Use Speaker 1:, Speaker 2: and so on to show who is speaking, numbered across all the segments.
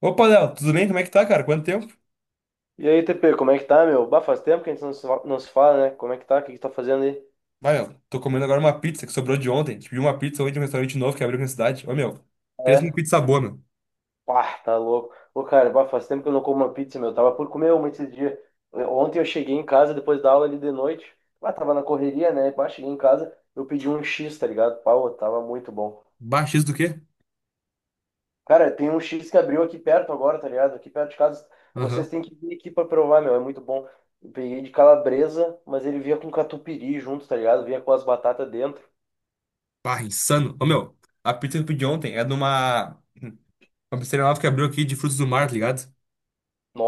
Speaker 1: Opa, Léo, tudo bem? Como é que tá, cara? Quanto tempo?
Speaker 2: E aí, TP, como é que tá, meu? Bah, faz tempo que a gente não se fala, né? Como é que tá? O que que tá fazendo aí?
Speaker 1: Vai, meu, tô comendo agora uma pizza que sobrou de ontem. Pedi uma pizza hoje de um restaurante novo que abriu aqui na cidade. Ô, meu, pensa numa
Speaker 2: É?
Speaker 1: pizza boa, meu.
Speaker 2: Pá, tá louco. Ô, cara, bah, faz tempo que eu não como uma pizza, meu. Tava por comer uma esses dias. Ontem eu cheguei em casa depois da aula ali de noite. Bah, tava na correria, né? Bah, cheguei em casa, eu pedi um X, tá ligado? Pau, tava muito bom.
Speaker 1: Baixo isso do quê?
Speaker 2: Cara, tem um X que abriu aqui perto agora, tá ligado? Aqui perto de casa. Vocês
Speaker 1: Aham.
Speaker 2: têm que vir aqui pra provar, meu. É muito bom. Eu peguei de calabresa, mas ele vinha com catupiry junto, tá ligado? Vinha com as batatas dentro.
Speaker 1: Barra, insano. Ô, meu, a pizza que eu pedi ontem é de uma pizzaria nova que abriu aqui de frutos do mar, tá ligado?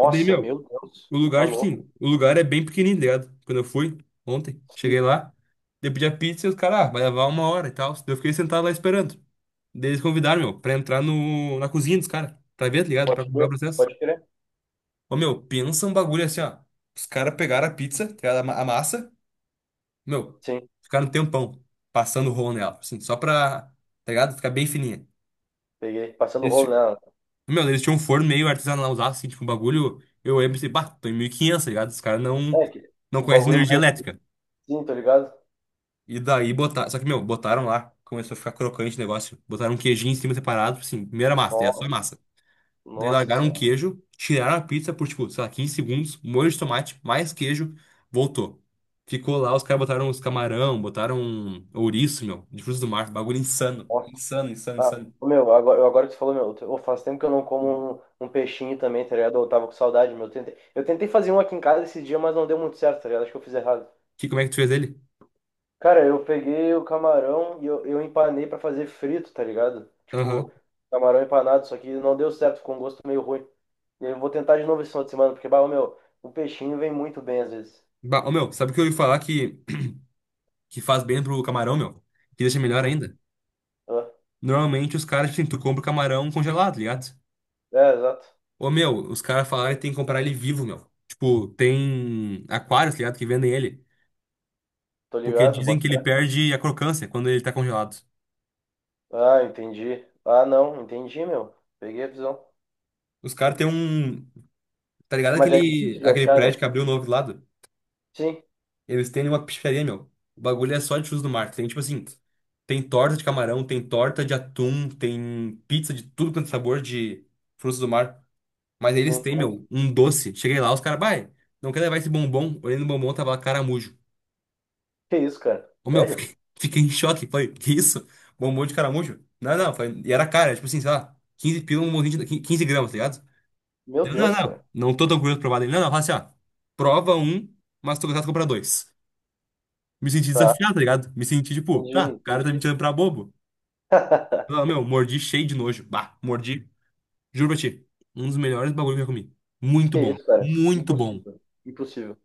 Speaker 1: E daí, meu,
Speaker 2: meu Deus.
Speaker 1: o
Speaker 2: Tá
Speaker 1: lugar, tipo
Speaker 2: louco.
Speaker 1: assim, o lugar é bem pequenininho, tá ligado? Quando eu fui ontem, cheguei
Speaker 2: Sim,
Speaker 1: lá, daí eu pedi a pizza e os caras, ah, vai levar uma hora e tal. Daí eu fiquei sentado lá esperando. Daí eles convidaram, meu, pra entrar no, na cozinha dos caras, pra ver, tá ligado? Pra
Speaker 2: pode
Speaker 1: comprar o
Speaker 2: crer,
Speaker 1: processo.
Speaker 2: pode crer.
Speaker 1: Ô, meu, pensa um bagulho assim, ó. Os caras pegaram a pizza, tá ligado? A massa, meu,
Speaker 2: Sim,
Speaker 1: ficaram um tempão passando o rolo nela, assim, só pra, tá ligado? Ficar bem fininha.
Speaker 2: peguei. Passando o
Speaker 1: Eles,
Speaker 2: rolo
Speaker 1: ti-
Speaker 2: nela.
Speaker 1: Meu, eles tinham um forno meio artesanalzaço, assim, tipo, um bagulho, eu lembro assim, bah, tô em 1500, tá ligado? Os caras não,
Speaker 2: É, que
Speaker 1: não
Speaker 2: o
Speaker 1: conhecem
Speaker 2: bagulho
Speaker 1: energia
Speaker 2: mais
Speaker 1: elétrica.
Speaker 2: assim, tá ligado?
Speaker 1: E daí botaram, só que, meu, botaram lá, começou a ficar crocante o negócio, botaram um queijinho em cima separado, assim, primeira massa, é só
Speaker 2: Nossa,
Speaker 1: massa. Daí
Speaker 2: nossa
Speaker 1: largaram um
Speaker 2: senhora.
Speaker 1: queijo, tiraram a pizza por, tipo, sei lá, 15 segundos, molho de tomate, mais queijo, voltou. Ficou lá, os caras botaram os camarão, botaram ouriço, meu, de frutos do mar, bagulho insano.
Speaker 2: Nossa,
Speaker 1: Insano, insano,
Speaker 2: tá.
Speaker 1: insano.
Speaker 2: Ô, meu, agora que você falou, meu, faz tempo que eu não como um peixinho também, tá ligado? Eu tava com saudade, meu. Eu tentei fazer um aqui em casa esse dia, mas não deu muito certo, tá ligado? Acho que eu fiz errado.
Speaker 1: Que, como é que tu fez ele?
Speaker 2: Cara, eu peguei o camarão eu empanei pra fazer frito, tá ligado?
Speaker 1: Aham.
Speaker 2: Tipo, camarão empanado, só que não deu certo, ficou um gosto meio ruim. E eu vou tentar de novo esse final de semana, porque, bah, ô, meu, o peixinho vem muito bem às vezes.
Speaker 1: Bah, ô, meu, sabe o que eu ouvi falar que faz bem pro camarão, meu? Que deixa melhor
Speaker 2: Hum,
Speaker 1: ainda?
Speaker 2: ah,
Speaker 1: Normalmente os caras, tipo assim, tu compra o camarão congelado, tá ligado?
Speaker 2: é, exato.
Speaker 1: Ô, meu, os caras falaram que tem que comprar ele vivo, meu. Tipo, tem aquários, tá ligado, que vendem ele.
Speaker 2: Tô
Speaker 1: Porque
Speaker 2: ligado,
Speaker 1: dizem
Speaker 2: bota
Speaker 1: que ele
Speaker 2: fé.
Speaker 1: perde a crocância quando ele tá congelado.
Speaker 2: Ah, entendi. Ah, não, entendi, meu. Peguei a visão.
Speaker 1: Os caras têm um. Tá ligado
Speaker 2: Mas é
Speaker 1: aquele,
Speaker 2: difícil de
Speaker 1: aquele
Speaker 2: achar, né?
Speaker 1: prédio que abriu novo do lado?
Speaker 2: Sim,
Speaker 1: Eles têm uma pizzaria, meu. O bagulho é só de frutos do mar. Tem tipo assim: tem torta de camarão, tem torta de atum, tem pizza de tudo quanto é sabor de frutos do mar. Mas eles
Speaker 2: sim.
Speaker 1: têm,
Speaker 2: Mas
Speaker 1: meu, um doce. Cheguei lá, os caras, vai, não quer levar esse bombom? Olhei no bombom, tava lá caramujo.
Speaker 2: que isso, cara?
Speaker 1: Ô, meu,
Speaker 2: Sério?
Speaker 1: fiquei em choque. Falei, que isso? Bombom de caramujo? Não, não, foi, e era cara, tipo assim, sei lá, 15 pila, um bombom de 15 gramas, tá ligado?
Speaker 2: Meu
Speaker 1: Eu, não,
Speaker 2: Deus, cara.
Speaker 1: não, não tô tão curioso pra provar dele. Não, não, fala assim, ó. Prova um, mas tô gostado de comprar dois. Me senti
Speaker 2: Tá,
Speaker 1: desafiado, tá ligado? Me senti tipo,
Speaker 2: entendi,
Speaker 1: tá, o cara tá me
Speaker 2: entendi.
Speaker 1: tirando pra bobo. Ah, meu, mordi cheio de nojo. Bah, mordi. Juro pra ti. Um dos melhores bagulho que eu já comi. Muito
Speaker 2: Que
Speaker 1: bom.
Speaker 2: isso, cara?
Speaker 1: Muito bom.
Speaker 2: Impossível. Impossível.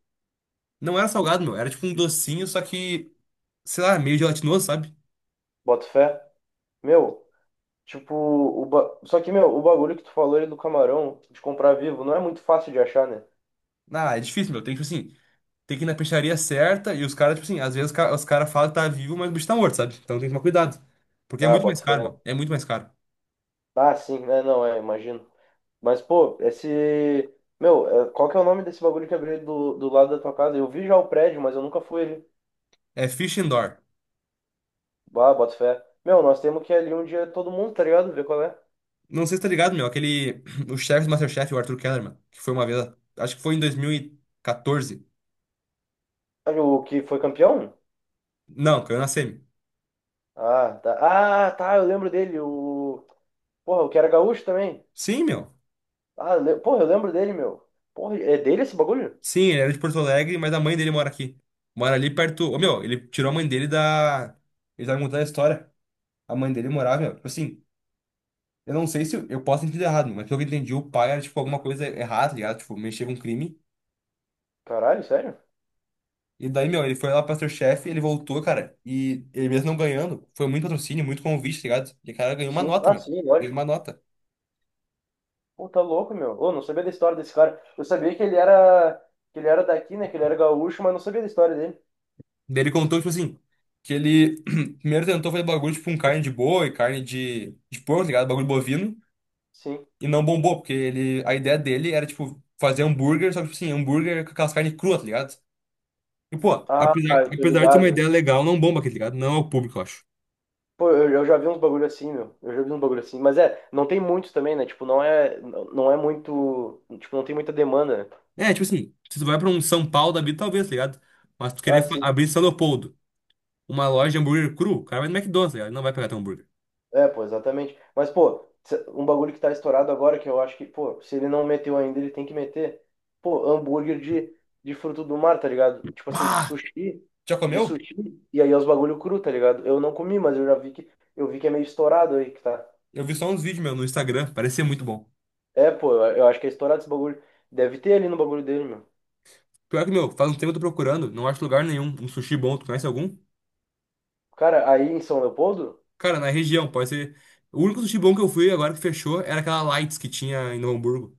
Speaker 1: Não era salgado, meu. Era tipo um docinho, só que, sei lá, meio gelatinoso, sabe?
Speaker 2: Bota fé. Meu, tipo, só que, meu, o bagulho que tu falou aí do camarão, de comprar vivo, não é muito fácil de achar, né?
Speaker 1: Ah, é difícil, meu. Tem que, tipo assim, tem que ir na peixaria certa e os caras, tipo assim, às vezes os caras falam que tá vivo, mas o bicho tá morto, sabe? Então tem que tomar cuidado. Porque é
Speaker 2: Ah,
Speaker 1: muito mais
Speaker 2: bota fé.
Speaker 1: caro, meu. É muito mais caro.
Speaker 2: Ah, sim, né? Não, é, imagino. Mas, pô, esse. Meu, é, qual que é o nome desse bagulho que abriu do lado da tua casa? Eu vi já o prédio, mas eu nunca fui ali.
Speaker 1: É fish and door.
Speaker 2: Ah, bota fé. Meu, nós temos que ir ali um dia todo mundo, tá ligado? Ver qual é.
Speaker 1: Não sei se tá ligado, meu. Aquele. O chefe do MasterChef, o Arthur Kellerman, que foi uma vez. Acho que foi em 2014.
Speaker 2: Ah, o que foi campeão?
Speaker 1: Não, caiu na semi.
Speaker 2: Ah, tá. Ah, tá, eu lembro dele. O. Porra, o que era gaúcho também.
Speaker 1: Sim, meu.
Speaker 2: Porra, eu lembro dele, meu. Porra, é dele esse bagulho?
Speaker 1: Sim, ele era de Porto Alegre, mas a mãe dele mora aqui. Mora ali perto. Ô, meu, ele tirou a mãe dele da. Ele tava me contando a história. A mãe dele morava, meu. Tipo assim, eu não sei se eu posso ter entendido errado, mas pelo que eu entendi, o pai era, tipo, alguma coisa errada, tá ligado? Tipo, mexia com crime.
Speaker 2: Caralho, sério?
Speaker 1: E daí, meu, ele foi lá pro MasterChef, ele voltou, cara. E ele mesmo não ganhando, foi muito patrocínio, muito convite, tá ligado? E o cara ganhou uma
Speaker 2: Sim,
Speaker 1: nota,
Speaker 2: ah,
Speaker 1: meu.
Speaker 2: sim,
Speaker 1: Ganhou uma
Speaker 2: lógico.
Speaker 1: nota.
Speaker 2: Pô, tá louco, meu. Ô, não sabia da história desse cara. Eu sabia que ele era daqui, né? Que ele era gaúcho, mas não sabia da história dele.
Speaker 1: Daí ele contou, tipo assim, que ele primeiro tentou fazer bagulho, tipo, com carne de boi, carne de porco, tá ligado? Bagulho bovino,
Speaker 2: Sim.
Speaker 1: e não bombou, porque ele, a ideia dele era, tipo, fazer hambúrguer, só que, tipo assim, hambúrguer com aquelas carnes cruas, tá ligado? E, pô,
Speaker 2: Ah,
Speaker 1: apesar,
Speaker 2: eu tô
Speaker 1: apesar de ter uma
Speaker 2: ligado.
Speaker 1: ideia legal, não bomba aqui, tá ligado? Não é o público, eu acho.
Speaker 2: Pô, eu já vi uns bagulho assim, meu. Eu já vi uns bagulho assim. Mas é, não tem muitos também, né? Tipo, não é muito. Tipo, não tem muita demanda, né?
Speaker 1: É, tipo assim, se tu vai pra um São Paulo da vida, talvez, tá ligado? Mas tu querer
Speaker 2: Ah, sim.
Speaker 1: abrir em São Leopoldo, uma loja de hambúrguer cru, o cara vai no McDonald's, tá ligado? Ele não vai pegar teu hambúrguer.
Speaker 2: É, pô, exatamente. Mas, pô, um bagulho que tá estourado agora, que eu acho que, pô, se ele não meteu ainda, ele tem que meter. Pô, de fruto do mar, tá ligado? Tipo assim,
Speaker 1: Bah! Já
Speaker 2: de
Speaker 1: comeu?
Speaker 2: sushi, e aí é os bagulho cru, tá ligado? Eu não comi, mas eu vi que é meio estourado aí que tá.
Speaker 1: Eu vi só uns vídeos, meu, no Instagram, parecia muito bom.
Speaker 2: É, pô, eu acho que é estourado esse bagulho. Deve ter ali no bagulho dele, meu.
Speaker 1: Pior que, meu, faz um tempo que eu tô procurando, não acho lugar nenhum. Um sushi bom, tu conhece algum?
Speaker 2: Cara, aí em São Leopoldo,
Speaker 1: Cara, na região, pode ser. O único sushi bom que eu fui agora que fechou era aquela Lights que tinha em Novo Hamburgo,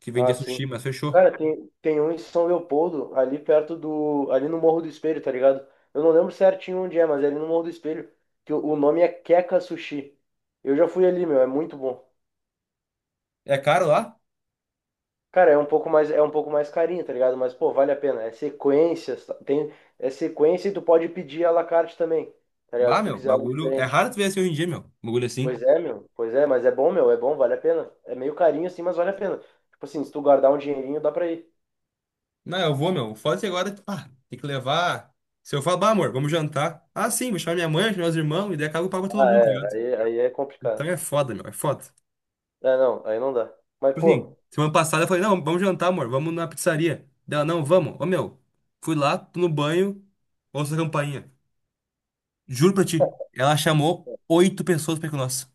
Speaker 1: que
Speaker 2: ah,
Speaker 1: vendia
Speaker 2: sim.
Speaker 1: sushi, mas fechou.
Speaker 2: Cara, tem um em São Leopoldo, ali perto do. Ali no Morro do Espelho, tá ligado? Eu não lembro certinho onde é, mas é ali no Morro do Espelho. Que o nome é Keka Sushi. Eu já fui ali, meu, é muito bom.
Speaker 1: É caro lá?
Speaker 2: Cara, é um pouco mais carinho, tá ligado? Mas, pô, vale a pena. É sequência, tem, é sequência e tu pode pedir à la carte também, tá ligado?
Speaker 1: Bah,
Speaker 2: Se tu
Speaker 1: meu,
Speaker 2: quiser algo
Speaker 1: bagulho. É
Speaker 2: diferente.
Speaker 1: raro tu ver assim hoje em dia, meu. Bagulho
Speaker 2: Pois
Speaker 1: assim.
Speaker 2: é, meu. Pois é, mas é bom, meu. É bom, vale a pena. É meio carinho assim, mas vale a pena. Tipo assim, se tu guardar um dinheirinho, dá pra ir.
Speaker 1: Não, eu vou, meu. Foda-se agora, pá, tem que levar. Se eu falar, bah, amor, vamos jantar. Ah, sim, vou chamar minha mãe, vou chamar meus irmãos, e daí acaba eu pago pra todo
Speaker 2: Ah,
Speaker 1: mundo, tá
Speaker 2: é.
Speaker 1: ligado?
Speaker 2: Aí, aí é
Speaker 1: Então
Speaker 2: complicado.
Speaker 1: é foda, meu, é foda.
Speaker 2: É, não, aí não dá. Mas,
Speaker 1: Tipo assim,
Speaker 2: pô,
Speaker 1: semana passada eu falei, não, vamos jantar, amor, vamos na pizzaria. Dela, não, vamos. Ô, meu, fui lá, tô no banho, ouço a campainha. Juro pra ti, ela chamou oito pessoas pra ir com nós.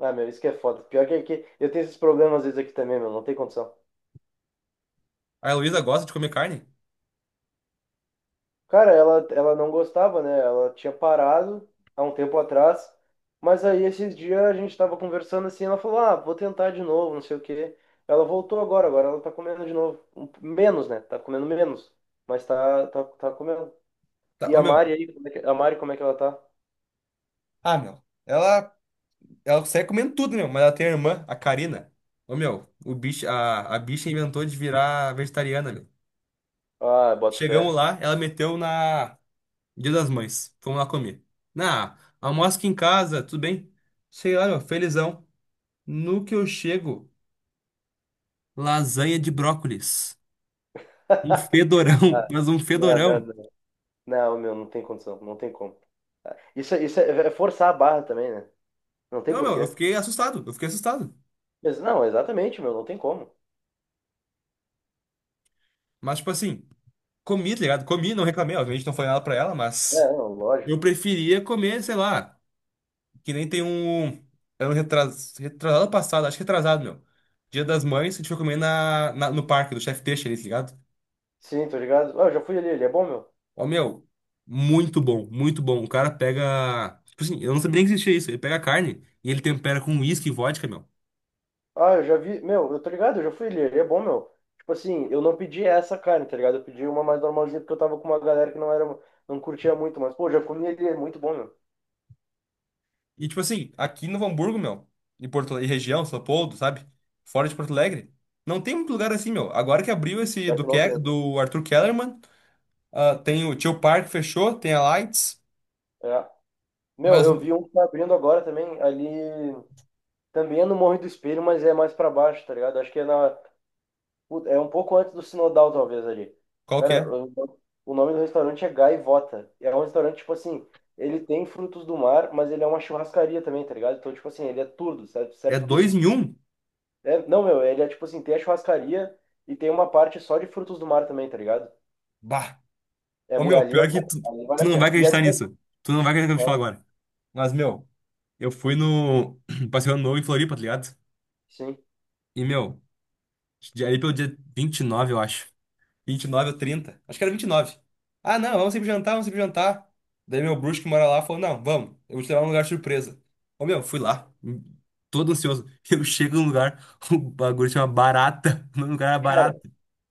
Speaker 2: ah, meu, isso que é foda. Pior que aqui, eu tenho esses problemas às vezes aqui também, meu, não tem condição.
Speaker 1: A Heloísa gosta de comer carne?
Speaker 2: Cara, ela não gostava, né? Ela tinha parado há um tempo atrás, mas aí esses dias a gente tava conversando assim, ela falou, ah, vou tentar de novo, não sei o quê. Ela voltou agora, agora ela tá comendo de novo. Menos, né? Tá comendo menos, mas tá comendo.
Speaker 1: Tá,
Speaker 2: E
Speaker 1: ô,
Speaker 2: a
Speaker 1: meu.
Speaker 2: Mari aí, como é que, a Mari, como é que ela tá?
Speaker 1: Ah, meu. Ela consegue comendo tudo, meu, mas ela tem a irmã, a Karina. Ô, meu, o bicho, a bicha inventou de virar vegetariana, meu.
Speaker 2: Ah, boto fé.
Speaker 1: Chegamos lá, ela meteu na Dia das Mães. Fomos lá comer. Almoço aqui em casa, tudo bem? Sei lá, meu, felizão. No que eu chego, lasanha de brócolis. Um fedorão,
Speaker 2: Ah,
Speaker 1: mas um fedorão.
Speaker 2: não. Não, meu, não tem condição, não tem como. Isso, isso é, é forçar a barra também, né? Não tem
Speaker 1: Não, meu, eu
Speaker 2: porquê.
Speaker 1: fiquei assustado, eu fiquei assustado.
Speaker 2: Mas não, exatamente, meu, não tem como.
Speaker 1: Mas, tipo assim, comi, tá ligado? Comi, não reclamei, obviamente não foi nada pra ela, mas
Speaker 2: É, não, lógico.
Speaker 1: eu preferia comer, sei lá, que nem tem um. Era um retrasado passado, acho que retrasado, meu. Dia das Mães, a gente foi comer no parque do Chef Teixeira, ali, tá ligado?
Speaker 2: Sim, tô ligado. Ah, eu já fui ali, ele é bom, meu.
Speaker 1: Ó, meu, muito bom, muito bom. O cara pega. Tipo assim, eu não sabia nem que existia isso. Ele pega a carne e ele tempera com uísque e vodka, meu.
Speaker 2: Ah, eu já vi, meu, eu tô ligado, eu já fui ali, ele é bom, meu. Tipo assim, eu não pedi essa carne, tá ligado? Eu pedi uma mais normalzinha porque eu tava com uma galera que não era, não curtia muito, mas pô, já comi ele, é muito bom, meu.
Speaker 1: E, tipo assim, aqui no Hamburgo, meu, e Porto, e região, São Leopoldo, sabe? Fora de Porto Alegre, não tem muito lugar assim, meu. Agora que abriu esse
Speaker 2: Pior
Speaker 1: do,
Speaker 2: que não
Speaker 1: Ke-
Speaker 2: tem.
Speaker 1: do Arthur Kellerman, ah, tem o Tio Park fechou, tem a Lights,
Speaker 2: É. Meu,
Speaker 1: mas
Speaker 2: eu vi um que tá abrindo agora também, ali, também é no Morro do Espelho, mas é mais pra baixo, tá ligado? Acho que é na, puta, é um pouco antes do Sinodal, talvez, ali.
Speaker 1: qual que
Speaker 2: Cara,
Speaker 1: é?
Speaker 2: o nome do restaurante é Gaivota. É um restaurante, tipo assim, ele tem frutos do mar, mas ele é uma churrascaria também, tá ligado? Então, tipo assim, ele é tudo, serve,
Speaker 1: É
Speaker 2: serve tudo.
Speaker 1: dois em um?
Speaker 2: É, não, meu, ele é tipo assim, tem a churrascaria e tem uma parte só de frutos do mar também, tá ligado?
Speaker 1: Bah!
Speaker 2: É,
Speaker 1: Ô, meu,
Speaker 2: ali
Speaker 1: pior
Speaker 2: é
Speaker 1: que
Speaker 2: bom,
Speaker 1: tu,
Speaker 2: ali vale
Speaker 1: tu
Speaker 2: a
Speaker 1: não vai
Speaker 2: pena. E ali
Speaker 1: acreditar
Speaker 2: é...
Speaker 1: nisso. Tu não vai acreditar no que eu vou te falo agora. Mas, meu, eu fui no Passeio Ano Novo em Floripa, tá ligado?
Speaker 2: Sim.
Speaker 1: E, meu, ali pelo dia 29, eu acho. 29 ou 30. Acho que era 29. Ah, não, vamos sempre jantar, vamos sempre jantar. Daí meu bruxo que mora lá falou, não, vamos, eu vou te levar num lugar surpresa. Ô, meu, fui lá, todo ansioso. Eu chego num lugar, o bagulho chama Barata. O nome do lugar era Barata.
Speaker 2: Cara,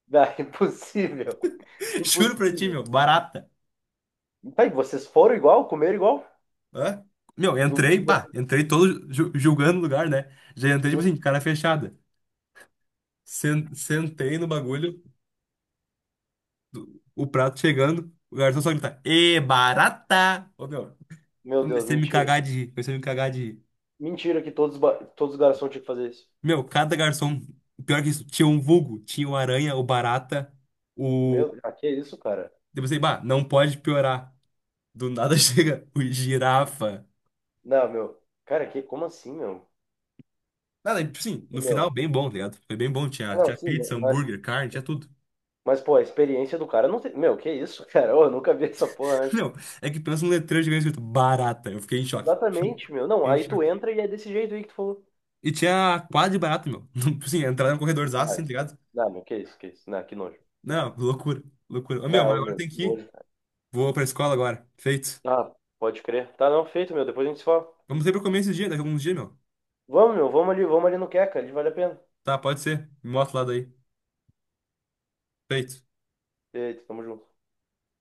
Speaker 2: dá, impossível.
Speaker 1: Juro pra ti,
Speaker 2: Impossível.
Speaker 1: meu, Barata.
Speaker 2: Tá, e vocês foram igual, comeram igual?
Speaker 1: Hã? Meu,
Speaker 2: Eu-
Speaker 1: entrei, pá,
Speaker 2: eu-
Speaker 1: entrei todo julgando o lugar, né? Já entrei, tipo assim,
Speaker 2: Sim.
Speaker 1: de cara fechada. Sentei no bagulho, o prato chegando, o garçom só grita, Ê, barata! Ô, meu,
Speaker 2: Meu Deus,
Speaker 1: comecei a me
Speaker 2: mentira.
Speaker 1: cagar de rir, comecei a me cagar de rir.
Speaker 2: Mentira que todos, todos os garçons tinham que fazer isso.
Speaker 1: Meu, cada garçom, pior que isso, tinha um vulgo, tinha o aranha, o barata, o.
Speaker 2: Meu, ah, que isso, cara?
Speaker 1: Eu pensei, bah, não pode piorar. Do nada chega o girafa.
Speaker 2: Não, meu. Cara, que, como assim, meu?
Speaker 1: Nada, tipo assim, no final,
Speaker 2: Meu.
Speaker 1: bem bom, tá ligado? Foi bem bom, tinha,
Speaker 2: Ah, não,
Speaker 1: tinha
Speaker 2: sim,
Speaker 1: pizza,
Speaker 2: mas,
Speaker 1: hambúrguer, carne, tinha tudo.
Speaker 2: mas, pô, a experiência do cara não tem. Meu, que isso, cara? Ô, eu nunca vi essa porra antes.
Speaker 1: Não, é que pensa um letreiro gigante escrito barata, eu fiquei em choque.
Speaker 2: Exatamente, meu. Não,
Speaker 1: Fiquei em
Speaker 2: aí tu
Speaker 1: choque.
Speaker 2: entra e é desse jeito aí que tu falou.
Speaker 1: E tinha quadro de barata, meu. Tipo assim, entrar no corredorzaço,
Speaker 2: Não,
Speaker 1: assim, tá ligado?
Speaker 2: não, meu, que isso, que isso? Não, que nojo.
Speaker 1: Não, loucura, loucura. Ô, meu, mas
Speaker 2: Não,
Speaker 1: agora
Speaker 2: meu, que
Speaker 1: tem que ir.
Speaker 2: nojo, cara.
Speaker 1: Vou pra escola agora, feito.
Speaker 2: Ah, pode crer. Tá, não, feito, meu. Depois a gente se fala.
Speaker 1: Vamos ter pra comer esse dia, daqui a alguns dias, meu.
Speaker 2: Vamos, meu, vamos ali no Queca, ali vale a pena.
Speaker 1: Tá, pode ser. Me mostra lá daí. Feito
Speaker 2: Eita, tamo junto.